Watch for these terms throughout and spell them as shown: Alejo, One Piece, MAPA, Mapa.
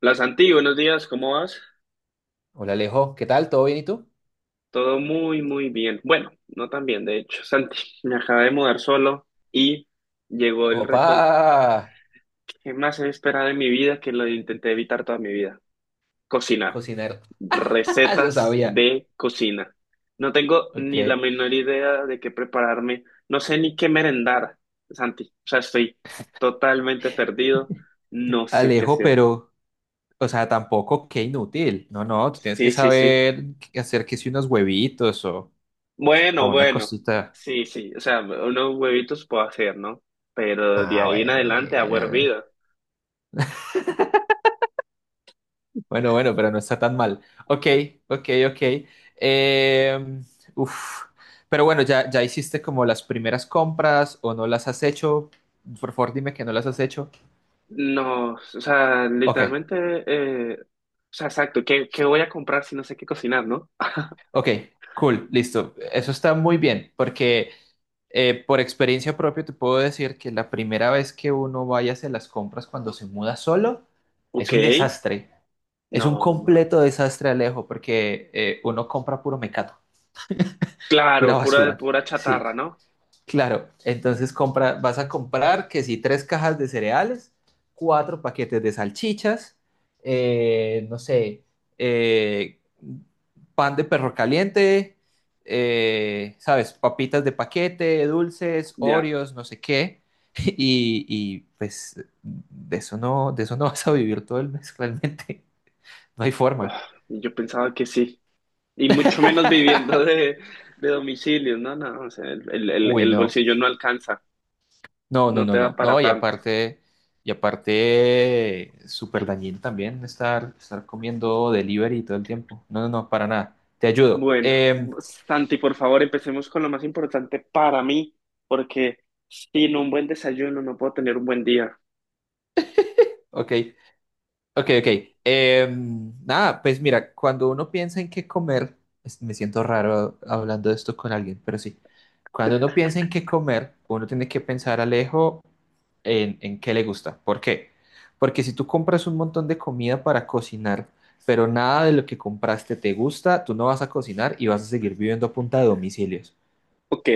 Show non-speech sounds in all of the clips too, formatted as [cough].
Hola Santi, buenos días, ¿cómo vas? Hola Alejo, ¿qué tal? ¿Todo bien y tú? Todo muy, muy bien. Bueno, no tan bien, de hecho. Santi, [laughs] me acabé de mudar solo y llegó el Opa, reto que más he esperado en mi vida, que lo intenté evitar toda mi vida. Cocinar. cocinar, [laughs] lo Recetas sabía. de cocina. No tengo ni la ¿Eh? menor idea de qué prepararme. No sé ni qué merendar, Santi. O sea, estoy totalmente perdido. No sé qué Alejo, hacer. pero, o sea, tampoco, qué inútil. No, no, tú tienes que Sí, sí, sí. saber qué hacer que si unos huevitos o Bueno, una bueno, cosita. sí, sí, o sea, unos huevitos puedo hacer, ¿no? Pero de Ah, ahí en bueno, adelante, agua mira. hervida. Bueno, bueno, pero no está tan mal. Ok, ok, ok. Eh, uf. Pero bueno, ya, ya hiciste como las primeras compras o no las has hecho. Por favor, dime que no las has hecho. No, o sea, Ok. literalmente, o sea, exacto, ¿qué voy a comprar si no sé qué cocinar, ¿no? Ok, cool, listo. Eso está muy bien, porque por experiencia propia te puedo decir que la primera vez que uno vaya a hacer las compras cuando se muda solo es Ok, un desastre. Es un no, ma- completo desastre, Alejo, porque uno compra puro mecato, pura claro, pura, basura. pura chatarra, Sí. ¿no? Claro, entonces compra, vas a comprar que si tres cajas de cereales, cuatro paquetes de salchichas, no sé, eh, pan de perro caliente, sabes, papitas de paquete, dulces, Ya, Oreos, no sé qué, [laughs] y, pues de eso no [laughs] vas a vivir todo el mes, [laughs] realmente, no hay forma. ah, yo pensaba que sí, y mucho menos viviendo de domicilio, ¿no? No, o sea, el, el, el Uy, el no. bolsillo no alcanza, No, no, no no, te da no. para No, y tanto. aparte, y aparte, súper dañino también estar comiendo delivery todo el tiempo. No, no, no, para nada. Te ayudo. Bueno, Em, Santi, por favor, empecemos con lo más importante para mí, porque sin un buen desayuno no puedo tener un buen día. ok, ok, ok. Nada, pues mira, cuando uno piensa en qué comer, me siento raro hablando de esto con alguien, pero sí. Cuando uno piensa en qué comer, uno tiene que pensar, Alejo, en qué le gusta. ¿Por qué? Porque si tú compras un montón de comida para cocinar, pero nada de lo que compraste te gusta, tú no vas a cocinar y vas a seguir viviendo a punta de domicilios. Ok,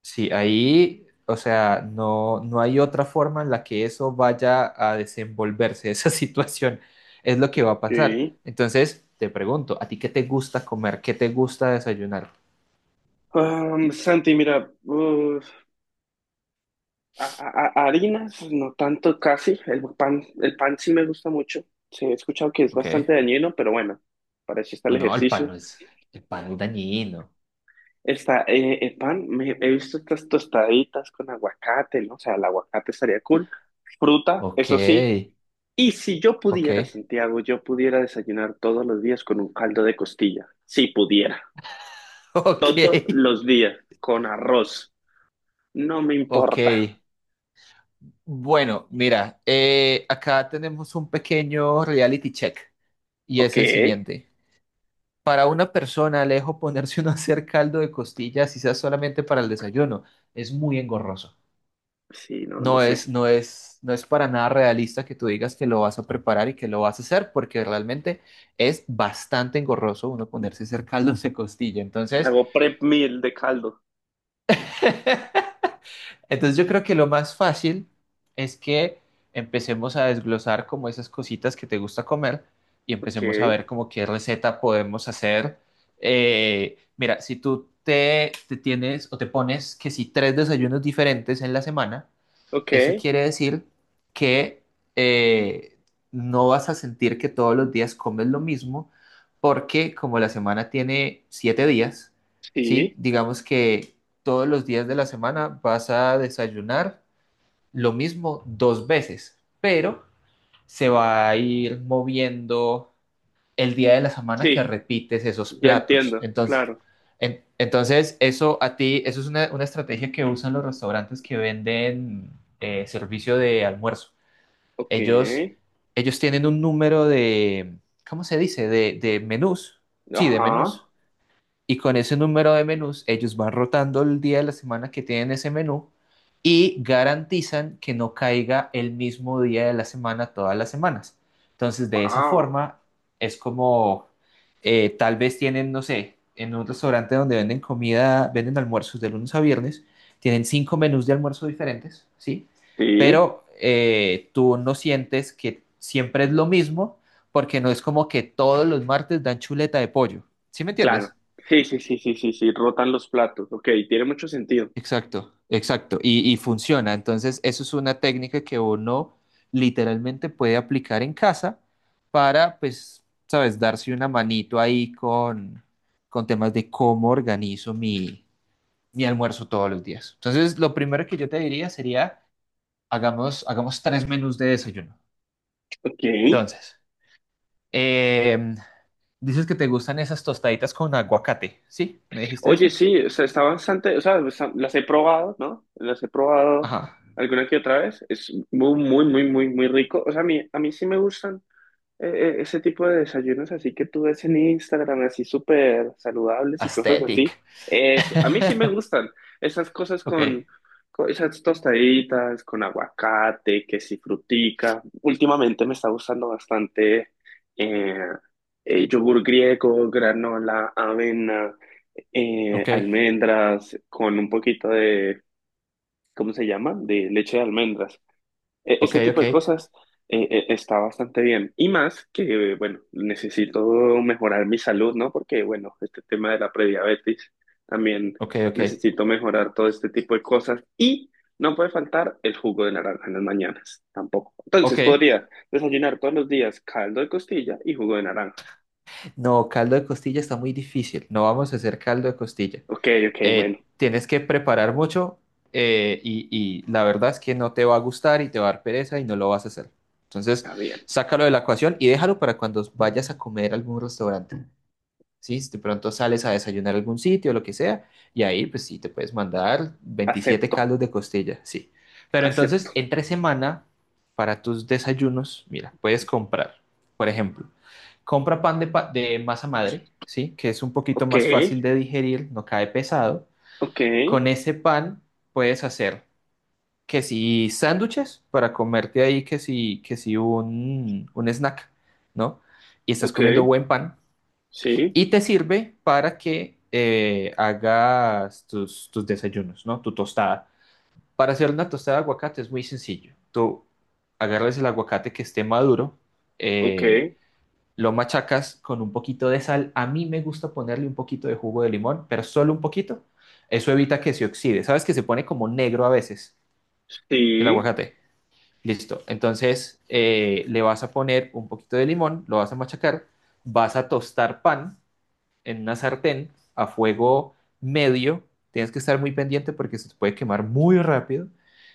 Sí, ahí, o sea, no, no hay otra forma en la que eso vaya a desenvolverse, [laughs] esa situación es lo que va a pasar. ok. Entonces, te pregunto, ¿a ti qué te gusta comer? ¿Qué te gusta desayunar? Santi, mira, uf, a- harinas, no tanto casi, el pan sí me gusta mucho, sí, he escuchado que es bastante Ok. dañino, pero bueno, para eso está el No, no, el pan ejercicio. no es, el pan es dañino. Está el pan, me, he visto estas tostaditas con aguacate, ¿no? O sea, el aguacate estaría cool. Fruta, Ok, eso sí. Y si yo ok, pudiera, Santiago, yo pudiera desayunar todos los días con un caldo de costilla. Si pudiera. [laughs] ok. Todos los días. Con arroz. No me Ok, importa. bueno, mira, acá tenemos un pequeño reality check y Ok. es el siguiente. Para una persona, Alejo, ponerse [laughs] uno a hacer caldo de costillas, quizás solamente para el desayuno, es muy engorroso. Sí, no lo No sé. es, no es, no es para nada realista que tú digas que lo vas a preparar y que lo vas a hacer, porque realmente es bastante engorroso uno ponerse a hacer [laughs] caldos de costilla. Entonces, Hago prep meal de caldo. [laughs] entonces yo creo que lo más fácil es que empecemos a desglosar como esas cositas que te gusta comer y Ok. empecemos a ver como qué receta podemos hacer. Mira, si tú te tienes o te pones que si tres desayunos diferentes en la semana, Ok. eso quiere decir que eh, no vas a sentir que todos los días comes lo mismo, porque como la semana tiene 7 días, ¿sí? Sí. Digamos que todos los días de la semana vas a desayunar lo mismo dos veces, pero se va a ir moviendo el día de la semana que Sí. repites esos Ya platos. entiendo. Entonces, Claro. Entonces eso a ti, eso es una estrategia que usan los restaurantes que venden servicio de almuerzo. Ok. Ellos, ellos tienen un número de, ¿cómo se dice? De menús. Sí, de Ajá. menús y con ese número de menús ellos van rotando el día de la semana que tienen ese menú y garantizan que no caiga el mismo día de la semana todas las semanas. Entonces, de esa Wow. forma, es como tal vez tienen, no sé, en un restaurante donde venden comida, venden almuerzos de lunes a viernes, tienen cinco menús de almuerzo diferentes, ¿sí? Sí. Pero tú no sientes que siempre es lo mismo porque no es como que todos los martes dan chuleta de pollo. ¿Sí me Claro. entiendes? Sí, sí, sí, sí, sí, sí. Rotan los platos. Ok. Tiene mucho sentido. Exacto, exacto. Y funciona. Entonces, eso es una técnica que uno literalmente puede aplicar en casa para, pues, sabes, darse una manito ahí con temas de cómo organizo mi almuerzo todos los días. Entonces, lo primero que yo te diría sería, hagamos, hagamos tres menús de desayuno. Ok. Entonces, em, dices que te gustan esas tostaditas con aguacate, ¿sí? ¿Me dijiste Oye, eso? sí, o sea, está bastante, o sea, está- las he probado, ¿no? Las he probado Ajá. alguna que otra vez. Es muy, muy, muy, muy, muy rico. O sea, a mí sí me gustan ese tipo de desayunos así que tú ves en Instagram, así súper saludables y cosas así. Aesthetic. Eso, a [laughs] mí sí me gustan esas cosas Ok, con esas tostaditas, con aguacate, que si frutica. Últimamente me está gustando bastante eh, yogur griego, granola, avena ok. almendras con un poquito de, ¿cómo se llama? De leche de almendras. E- Ok, ese tipo ok, de cosas está bastante bien. Y más que, bueno, necesito mejorar mi salud, ¿no? Porque, bueno, este tema de la prediabetes, también ok, ok, necesito mejorar todo este tipo de cosas. Y no puede faltar el jugo de naranja en las mañanas, tampoco. Entonces ok. podría desayunar todos los días caldo de costilla y jugo de naranja. No, caldo de costilla está muy difícil. No vamos a hacer caldo de costilla. Ok, ok, bueno, Tienes que preparar mucho eh, y, y la verdad es que no te va a gustar y te va a dar pereza y no lo vas a hacer. Entonces, está bien. sácalo de la ecuación y déjalo para cuando vayas a comer a algún restaurante. Sí, si de pronto sales a desayunar a algún sitio, lo que sea, y ahí pues sí te puedes mandar 27 Acepto, caldos de costilla, sí. Pero entonces, acepto. entre semana, para tus desayunos, mira, puedes comprar, por ejemplo, compra pan de, de masa madre, sí, que es un poquito Ok. más fácil de digerir, no cae pesado. Ok, Con ese pan puedes hacer que si sándwiches para comerte ahí, que si un snack, ¿no? Y estás ok, comiendo buen pan sí, y te sirve para que hagas tus desayunos, ¿no? Tu tostada. Para hacer una tostada de aguacate es muy sencillo. Tú agarras el aguacate que esté maduro, ok, eh, lo machacas con un poquito de sal. A mí me gusta ponerle un poquito de jugo de limón, pero solo un poquito. Eso evita que se oxide. ¿Sabes que se pone como negro a veces el sí, aguacate? Listo. Entonces le vas a poner un poquito de limón, lo vas a machacar, vas a tostar pan en una sartén a fuego medio. Tienes que estar muy pendiente porque se te puede quemar muy rápido.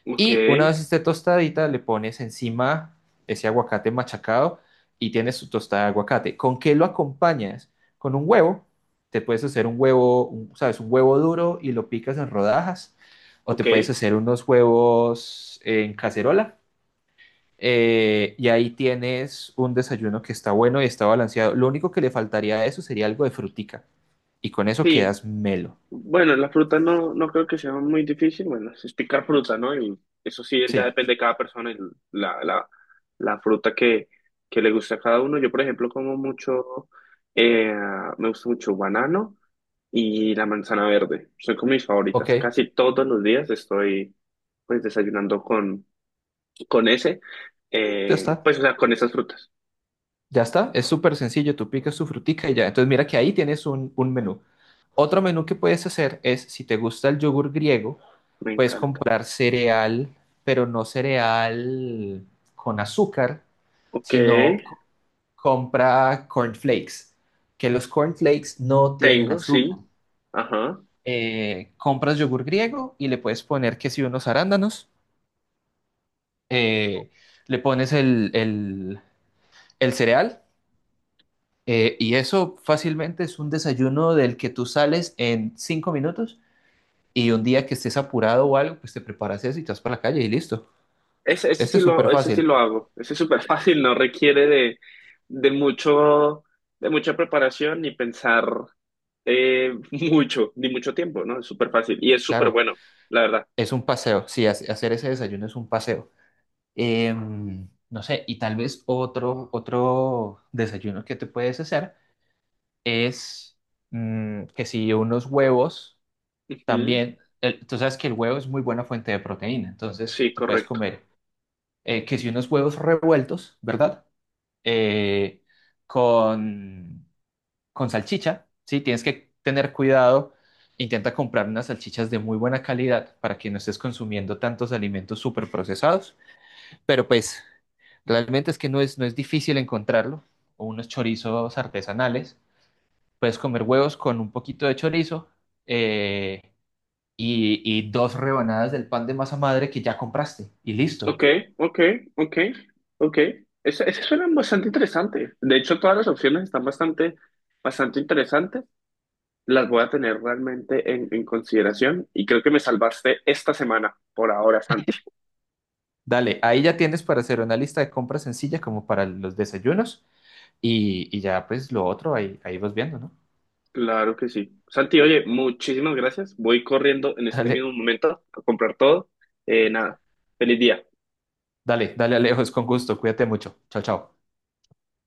ok, Y una vez esté tostadita, le pones encima ese aguacate machacado y tienes tu tostada de aguacate. ¿Con qué lo acompañas? Con un huevo. Te puedes hacer un huevo, sabes, un huevo duro y lo picas en rodajas. O te ok, puedes hacer unos huevos en cacerola y ahí tienes un desayuno que está bueno y está balanceado. Lo único que le faltaría a eso sería algo de frutica. Y con eso sí. quedas melo. Bueno, la fruta no, no creo que sea muy difícil. Bueno, es picar fruta, ¿no? Y eso sí, ya Sí, depende de cada persona y la, la, la fruta que le guste a cada uno. Yo, por ejemplo, como mucho, eh, me gusta mucho banano y la manzana verde. Son como mis favoritas. ok. Casi todos los días estoy, pues, desayunando con ese, Ya está. pues, o sea, con esas frutas. Ya está. Es súper sencillo. Tú picas tu frutica y ya. Entonces mira que ahí tienes un menú. Otro menú que puedes hacer es, si te gusta el yogur griego, Me puedes encanta. comprar cereal, pero no cereal con azúcar, Ok, sino compra cornflakes, que los cornflakes no tienen tengo, azúcar. sí. Ajá. Compras yogur griego y le puedes poner que si unos arándanos, eh, le pones el cereal y eso fácilmente es un desayuno del que tú sales en 5 minutos y un día que estés apurado o algo, pues te preparas eso y te vas para la calle y listo. Ese es súper Ese sí fácil, lo hago. Ese es súper [laughs] fácil, no requiere de mucho, de mucha preparación ni pensar eh, [laughs] mucho, ni mucho tiempo, ¿no? Es súper fácil y es súper claro, bueno, la verdad. es un paseo, sí, hacer ese desayuno es un paseo. No sé, y tal vez otro desayuno que te puedes hacer es que si unos huevos. Ujú. También, tú sabes que el huevo es muy buena fuente de proteína, entonces Sí, te puedes correcto. comer que si unos huevos revueltos, ¿verdad? Eh, con, con salchicha, ¿sí? Tienes que tener cuidado. Intenta comprar unas salchichas de muy buena calidad para que no estés consumiendo tantos alimentos súper procesados. Pero pues, realmente es que no es, no es difícil encontrarlo. O unos chorizos artesanales. Puedes comer huevos con un poquito de chorizo. eh, y dos rebanadas del pan de masa madre que ya compraste y listo. Ok, ok, ok, ok. Ese suena bastante interesante. De hecho, todas las opciones están bastante, bastante interesantes. Las voy a tener realmente en consideración y creo que me salvaste esta semana por ahora, Santi. Dale, ahí ya tienes para hacer una lista de compras sencilla como para los desayunos y, ya pues lo otro ahí, ahí vas viendo, ¿no? Claro que sí. Santi, oye, muchísimas gracias. Voy corriendo en este mismo Dale, momento a comprar todo. Nada, feliz día. dale, dale Alejos, con gusto, cuídate mucho. Chao, chao.